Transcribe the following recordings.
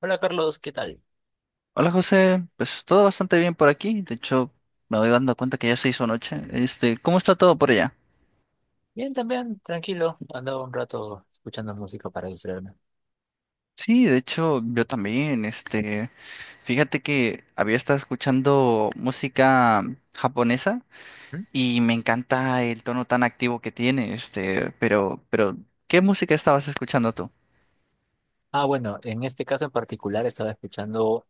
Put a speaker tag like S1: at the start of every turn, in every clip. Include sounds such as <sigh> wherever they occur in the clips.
S1: Hola Carlos, ¿qué tal?
S2: Hola José, pues todo bastante bien por aquí. De hecho, me voy dando cuenta que ya se hizo noche. ¿Cómo está todo por allá?
S1: Bien, también, tranquilo. Andaba un rato escuchando música para distraerme.
S2: Sí, de hecho, yo también. Fíjate que había estado escuchando música japonesa y me encanta el tono tan activo que tiene. Pero, ¿qué música estabas escuchando tú?
S1: Ah, bueno, en este caso en particular estaba escuchando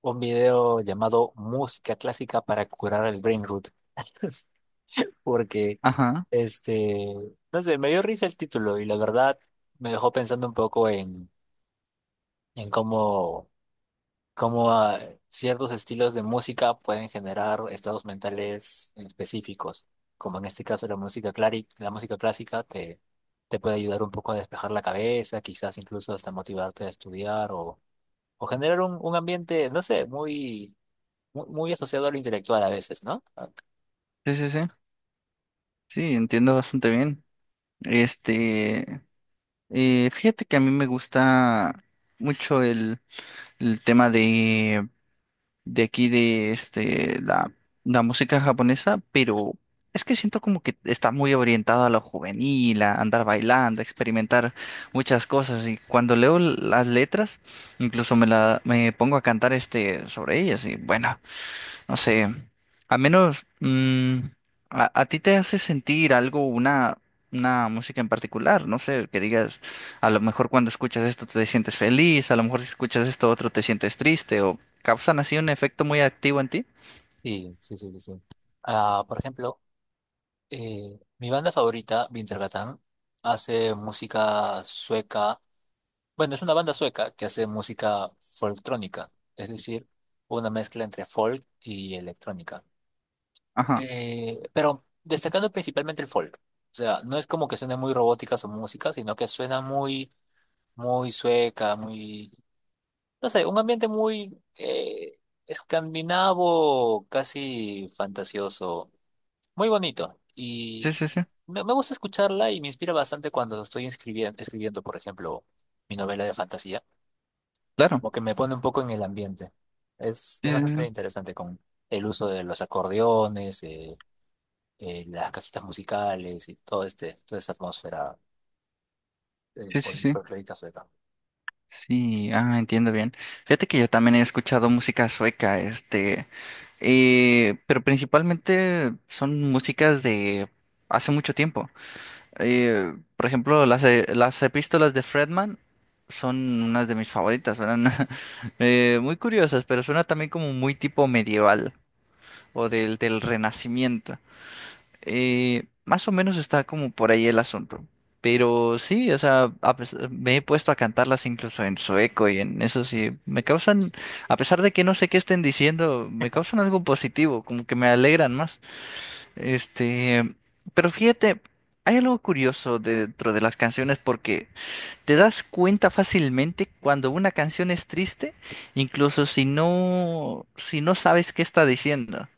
S1: un video llamado Música Clásica para curar el brain rot. <laughs> Porque,
S2: Ajá,
S1: este, no sé, me dio risa el título y la verdad me dejó pensando un poco en cómo como ciertos estilos de música pueden generar estados mentales específicos, como en este caso la la música clásica te puede ayudar un poco a despejar la cabeza, quizás incluso hasta motivarte a estudiar o generar un ambiente, no sé, muy, muy, asociado a lo intelectual a veces, ¿no?
S2: sí, sí, sí. Sí, entiendo bastante bien. Este, Fíjate que a mí me gusta mucho el tema de aquí de la música japonesa, pero es que siento como que está muy orientado a lo juvenil, a andar bailando, a experimentar muchas cosas. Y cuando leo las letras, incluso me pongo a cantar sobre ellas. Y bueno, no sé, al menos a ti te hace sentir algo, una música en particular, no sé, que digas, a lo mejor cuando escuchas esto te sientes feliz, a lo mejor si escuchas esto otro te sientes triste, o causan así un efecto muy activo en ti.
S1: Sí, sí, sí, sí, sí. Ah, por ejemplo, mi banda favorita, Wintergatan, hace música sueca. Bueno, es una banda sueca que hace música folktrónica, es decir, una mezcla entre folk y electrónica.
S2: Ajá,
S1: Pero destacando principalmente el folk. O sea, no es como que suene muy robótica su música, sino que suena muy, muy sueca, muy, no sé, un ambiente muy escandinavo, casi fantasioso, muy bonito.
S2: sí,
S1: Y
S2: sí, sí,
S1: me gusta escucharla y me inspira bastante cuando estoy escribiendo, por ejemplo, mi novela de fantasía.
S2: claro.
S1: Como que me pone un poco en el ambiente. Es
S2: Eh,
S1: bastante interesante con el uso de los acordeones, las cajitas musicales y todo este, toda esta atmósfera
S2: Sí, sí, sí, sí, sí.
S1: folclórica sueca.
S2: Sí, ah, entiendo bien. Fíjate que yo también he escuchado música sueca, pero principalmente son músicas de hace mucho tiempo. Por ejemplo, las epístolas de Fredman son unas de mis favoritas, eran <laughs> muy curiosas, pero suena también como muy tipo medieval o del Renacimiento. Más o menos está como por ahí el asunto. Pero sí, o sea, me he puesto a cantarlas incluso en sueco y en eso sí, me causan, a pesar de que no sé qué estén diciendo, me causan algo positivo, como que me alegran más. Este, pero fíjate, hay algo curioso dentro de las canciones porque te das cuenta fácilmente cuando una canción es triste, incluso si no sabes qué está diciendo.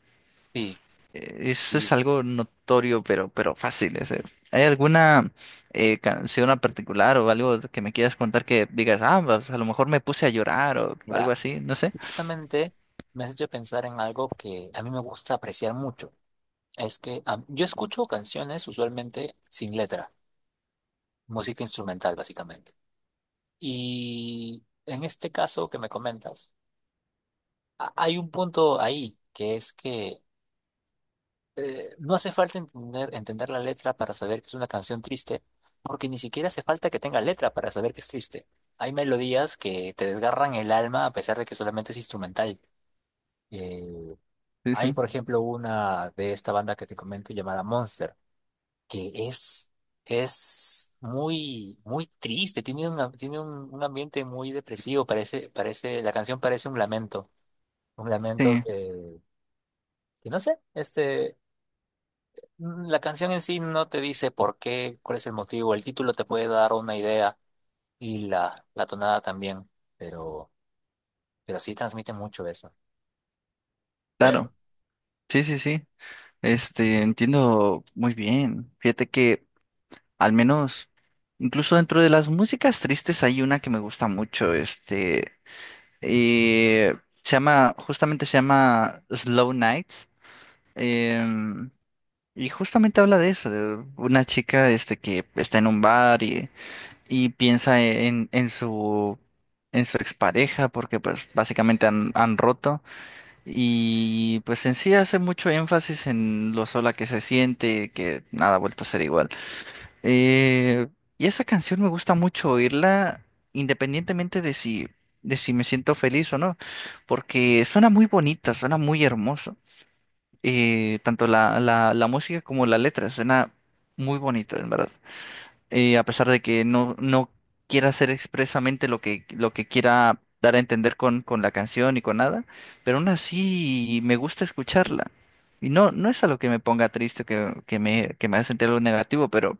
S1: Sí,
S2: Eso
S1: sí.
S2: es algo notorio, pero fácil. ¿Hay alguna canción en particular o algo que me quieras contar que digas, ah, pues, a lo mejor me puse a llorar o algo
S1: Mira,
S2: así? No sé.
S1: justamente me has hecho pensar en algo que a mí me gusta apreciar mucho. Es que yo escucho canciones usualmente sin letra, música instrumental básicamente. Y en este caso que me comentas, hay un punto ahí, que es que no hace falta entender la letra para saber que es una canción triste, porque ni siquiera hace falta que tenga letra para saber que es triste. Hay melodías que te desgarran el alma a pesar de que solamente es instrumental. Eh,
S2: Sí,
S1: Hay,
S2: sí.
S1: por ejemplo, una de esta banda que te comento llamada Monster, que es, es muy, muy triste, tiene, tiene un ambiente muy depresivo, parece, la canción parece un lamento
S2: Sí,
S1: que no sé, este... La canción en sí no te dice por qué, cuál es el motivo. El título te puede dar una idea y la tonada también, pero, pero sí transmite mucho eso.
S2: claro. Sí, sí, sí. Entiendo muy bien. Fíjate que al menos, incluso dentro de las músicas tristes hay una que me gusta mucho, eh, se llama, justamente se llama Slow Nights, em, y justamente habla de eso, de una chica, que está en un bar y piensa en en su expareja, porque pues básicamente han roto, y pues en sí hace mucho énfasis en lo sola que se siente, que nada ha vuelto a ser igual. Eh, y esa canción me gusta mucho oírla independientemente de si me siento feliz o no, porque suena muy bonita, suena muy hermoso. Tanto la música como la letra suena muy bonita, en verdad, a pesar de que no quiera hacer expresamente lo que quiera dar a entender con la canción y con nada, pero aún así me gusta escucharla. Y no, no es algo que me ponga triste, que me haga sentir algo negativo, pero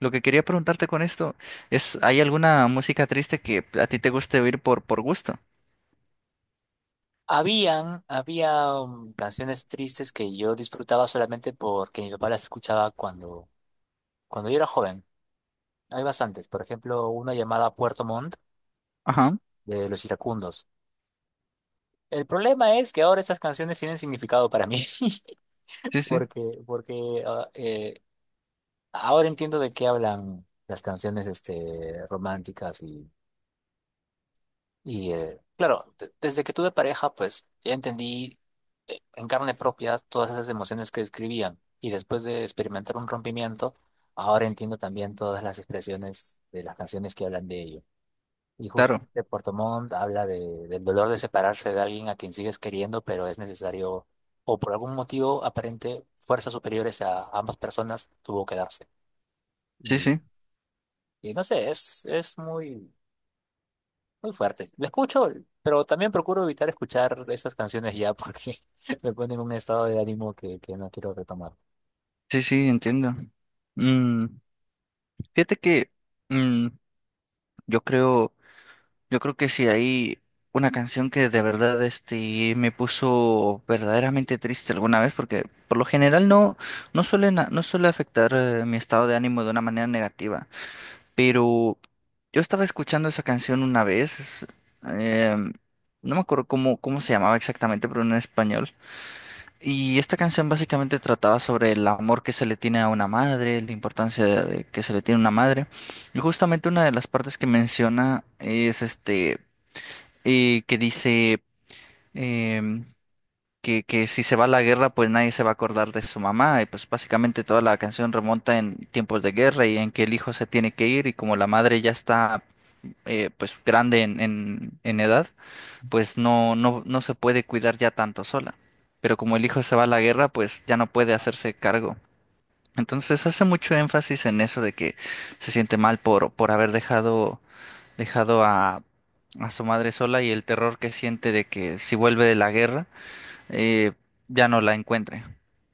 S2: lo que quería preguntarte con esto es, ¿hay alguna música triste que a ti te guste oír por gusto?
S1: Habían, había canciones tristes que yo disfrutaba solamente porque mi papá las escuchaba cuando yo era joven. Hay bastantes, por ejemplo, una llamada Puerto Montt
S2: Ajá,
S1: de Los Iracundos. El problema es que ahora estas canciones tienen significado para mí. <laughs>
S2: sí, sí,
S1: Porque, ahora entiendo de qué hablan las canciones este, románticas y claro, desde que tuve pareja, pues ya entendí en carne propia todas esas emociones que describían. Y después de experimentar un rompimiento, ahora entiendo también todas las expresiones de las canciones que hablan de ello. Y
S2: claro,
S1: justamente Puerto Montt habla del dolor de separarse de alguien a quien sigues queriendo, pero es necesario, o por algún motivo aparente, fuerzas superiores a ambas personas tuvo que darse.
S2: sí,
S1: Y
S2: sí,
S1: y no sé, es muy, muy fuerte. Lo escucho, pero también procuro evitar escuchar esas canciones ya porque <laughs> me ponen en un estado de ánimo que no quiero retomar.
S2: sí, sí, entiendo. Mm, Fíjate que mm, yo creo... Yo creo que si hay una canción que de verdad me puso verdaderamente triste alguna vez, porque por lo general no suele afectar mi estado de ánimo de una manera negativa. Pero yo estaba escuchando esa canción una vez, eh, no me acuerdo cómo se llamaba exactamente, pero en español. Y esta canción básicamente trataba sobre el amor que se le tiene a una madre, la importancia de que se le tiene a una madre. Y justamente una de las partes que menciona es y que dice em, que si se va a la guerra, pues nadie se va a acordar de su mamá. Y pues básicamente toda la canción remonta en tiempos de guerra y en que el hijo se tiene que ir y como la madre ya está pues grande en edad, pues no se puede cuidar ya tanto sola. Pero como el hijo se va a la guerra, pues ya no puede
S1: Ah,
S2: hacerse cargo. Entonces hace mucho énfasis en eso de que se siente mal por haber dejado a su madre sola y el terror que siente de que si vuelve de la guerra, eh, ya no la encuentre.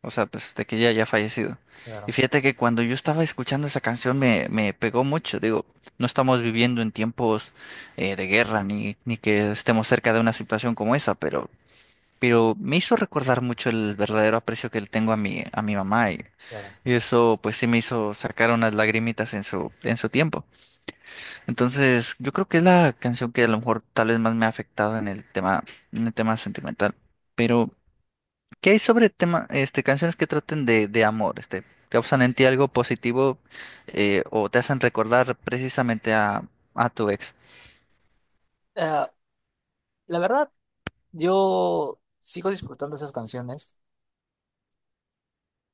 S2: O sea, pues de que ella ya ha fallecido. Y
S1: Claro,
S2: fíjate que cuando yo estaba escuchando esa canción me pegó mucho. Digo, no estamos viviendo en tiempos de guerra ni que estemos cerca de una situación como esa, pero me hizo recordar mucho el verdadero aprecio que le tengo a a mi mamá
S1: claro.
S2: y eso pues sí me hizo sacar unas lagrimitas en su tiempo. Entonces, yo creo que es la canción que a lo mejor tal vez más me ha afectado en en el tema sentimental. Pero, ¿qué hay sobre tema, canciones que traten de amor? ¿Causan en ti algo positivo o te hacen recordar precisamente a tu ex?
S1: Ah, la verdad, yo sigo disfrutando esas canciones,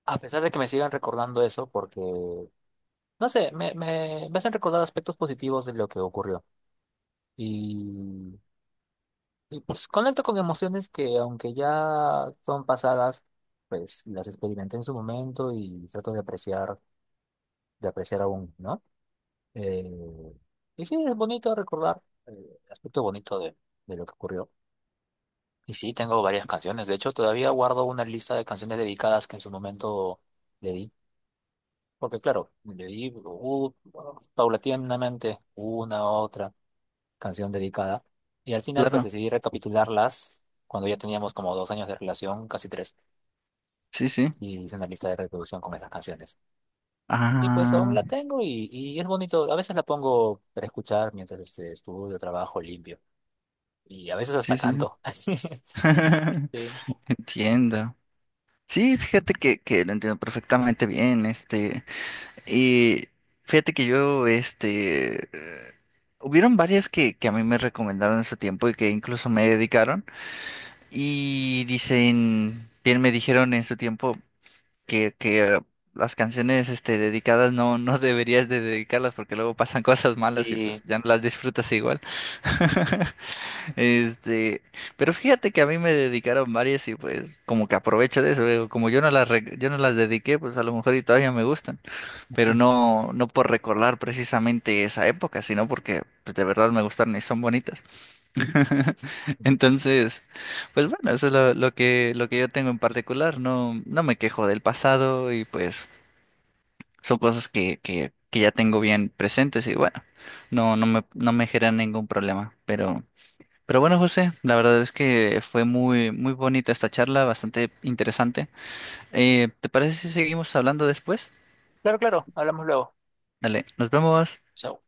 S1: a pesar de que me sigan recordando eso, porque, no sé, me hacen recordar aspectos positivos de lo que ocurrió. Y, y pues conecto con emociones que, aunque ya son pasadas, pues las experimenté en su momento y trato de apreciar. De apreciar aún, ¿no? Eh, y sí, es bonito recordar eh, el aspecto bonito de lo que ocurrió. Y sí, tengo varias canciones. De hecho, todavía guardo una lista de canciones dedicadas que en su momento le di. Porque claro, le di bueno, paulatinamente una otra canción dedicada. Y al final, pues
S2: Claro,
S1: decidí recapitularlas cuando ya teníamos como 2 años de relación, casi tres.
S2: sí, sí.
S1: Y hice una lista de reproducción con esas canciones. Y pues aún
S2: Ah,
S1: la tengo y es bonito. A veces la pongo para escuchar mientras este, estudio, trabajo, limpio. Y a veces
S2: sí,
S1: hasta
S2: sí, sí.
S1: canto. <laughs> Sí.
S2: <laughs> Entiendo. Sí, fíjate que lo entiendo perfectamente bien. Y fíjate que yo, hubieron varias que a mí me recomendaron en su tiempo y que incluso me dedicaron. Y dicen, bien me dijeron en su tiempo que las canciones, dedicadas no deberías de dedicarlas porque luego pasan cosas malas y pues
S1: Y
S2: ya no las disfrutas igual. <laughs> Este, pero fíjate que a mí me dedicaron varias y pues como que aprovecho de eso. Digo, como yo yo no las dediqué, pues a lo mejor y todavía me gustan pero no por recordar precisamente esa época, sino porque pues, de verdad me gustaron y son bonitas. <laughs> Entonces, pues bueno, eso es lo que yo tengo en particular. No, no me quejo del pasado y pues son cosas que ya tengo bien presentes y bueno, no me generan ningún problema. Pero bueno, José, la verdad es que fue muy, muy bonita esta charla, bastante interesante. ¿Te parece si seguimos hablando después?
S1: claro, claro, hablamos luego.
S2: Dale, nos vemos.
S1: Chao.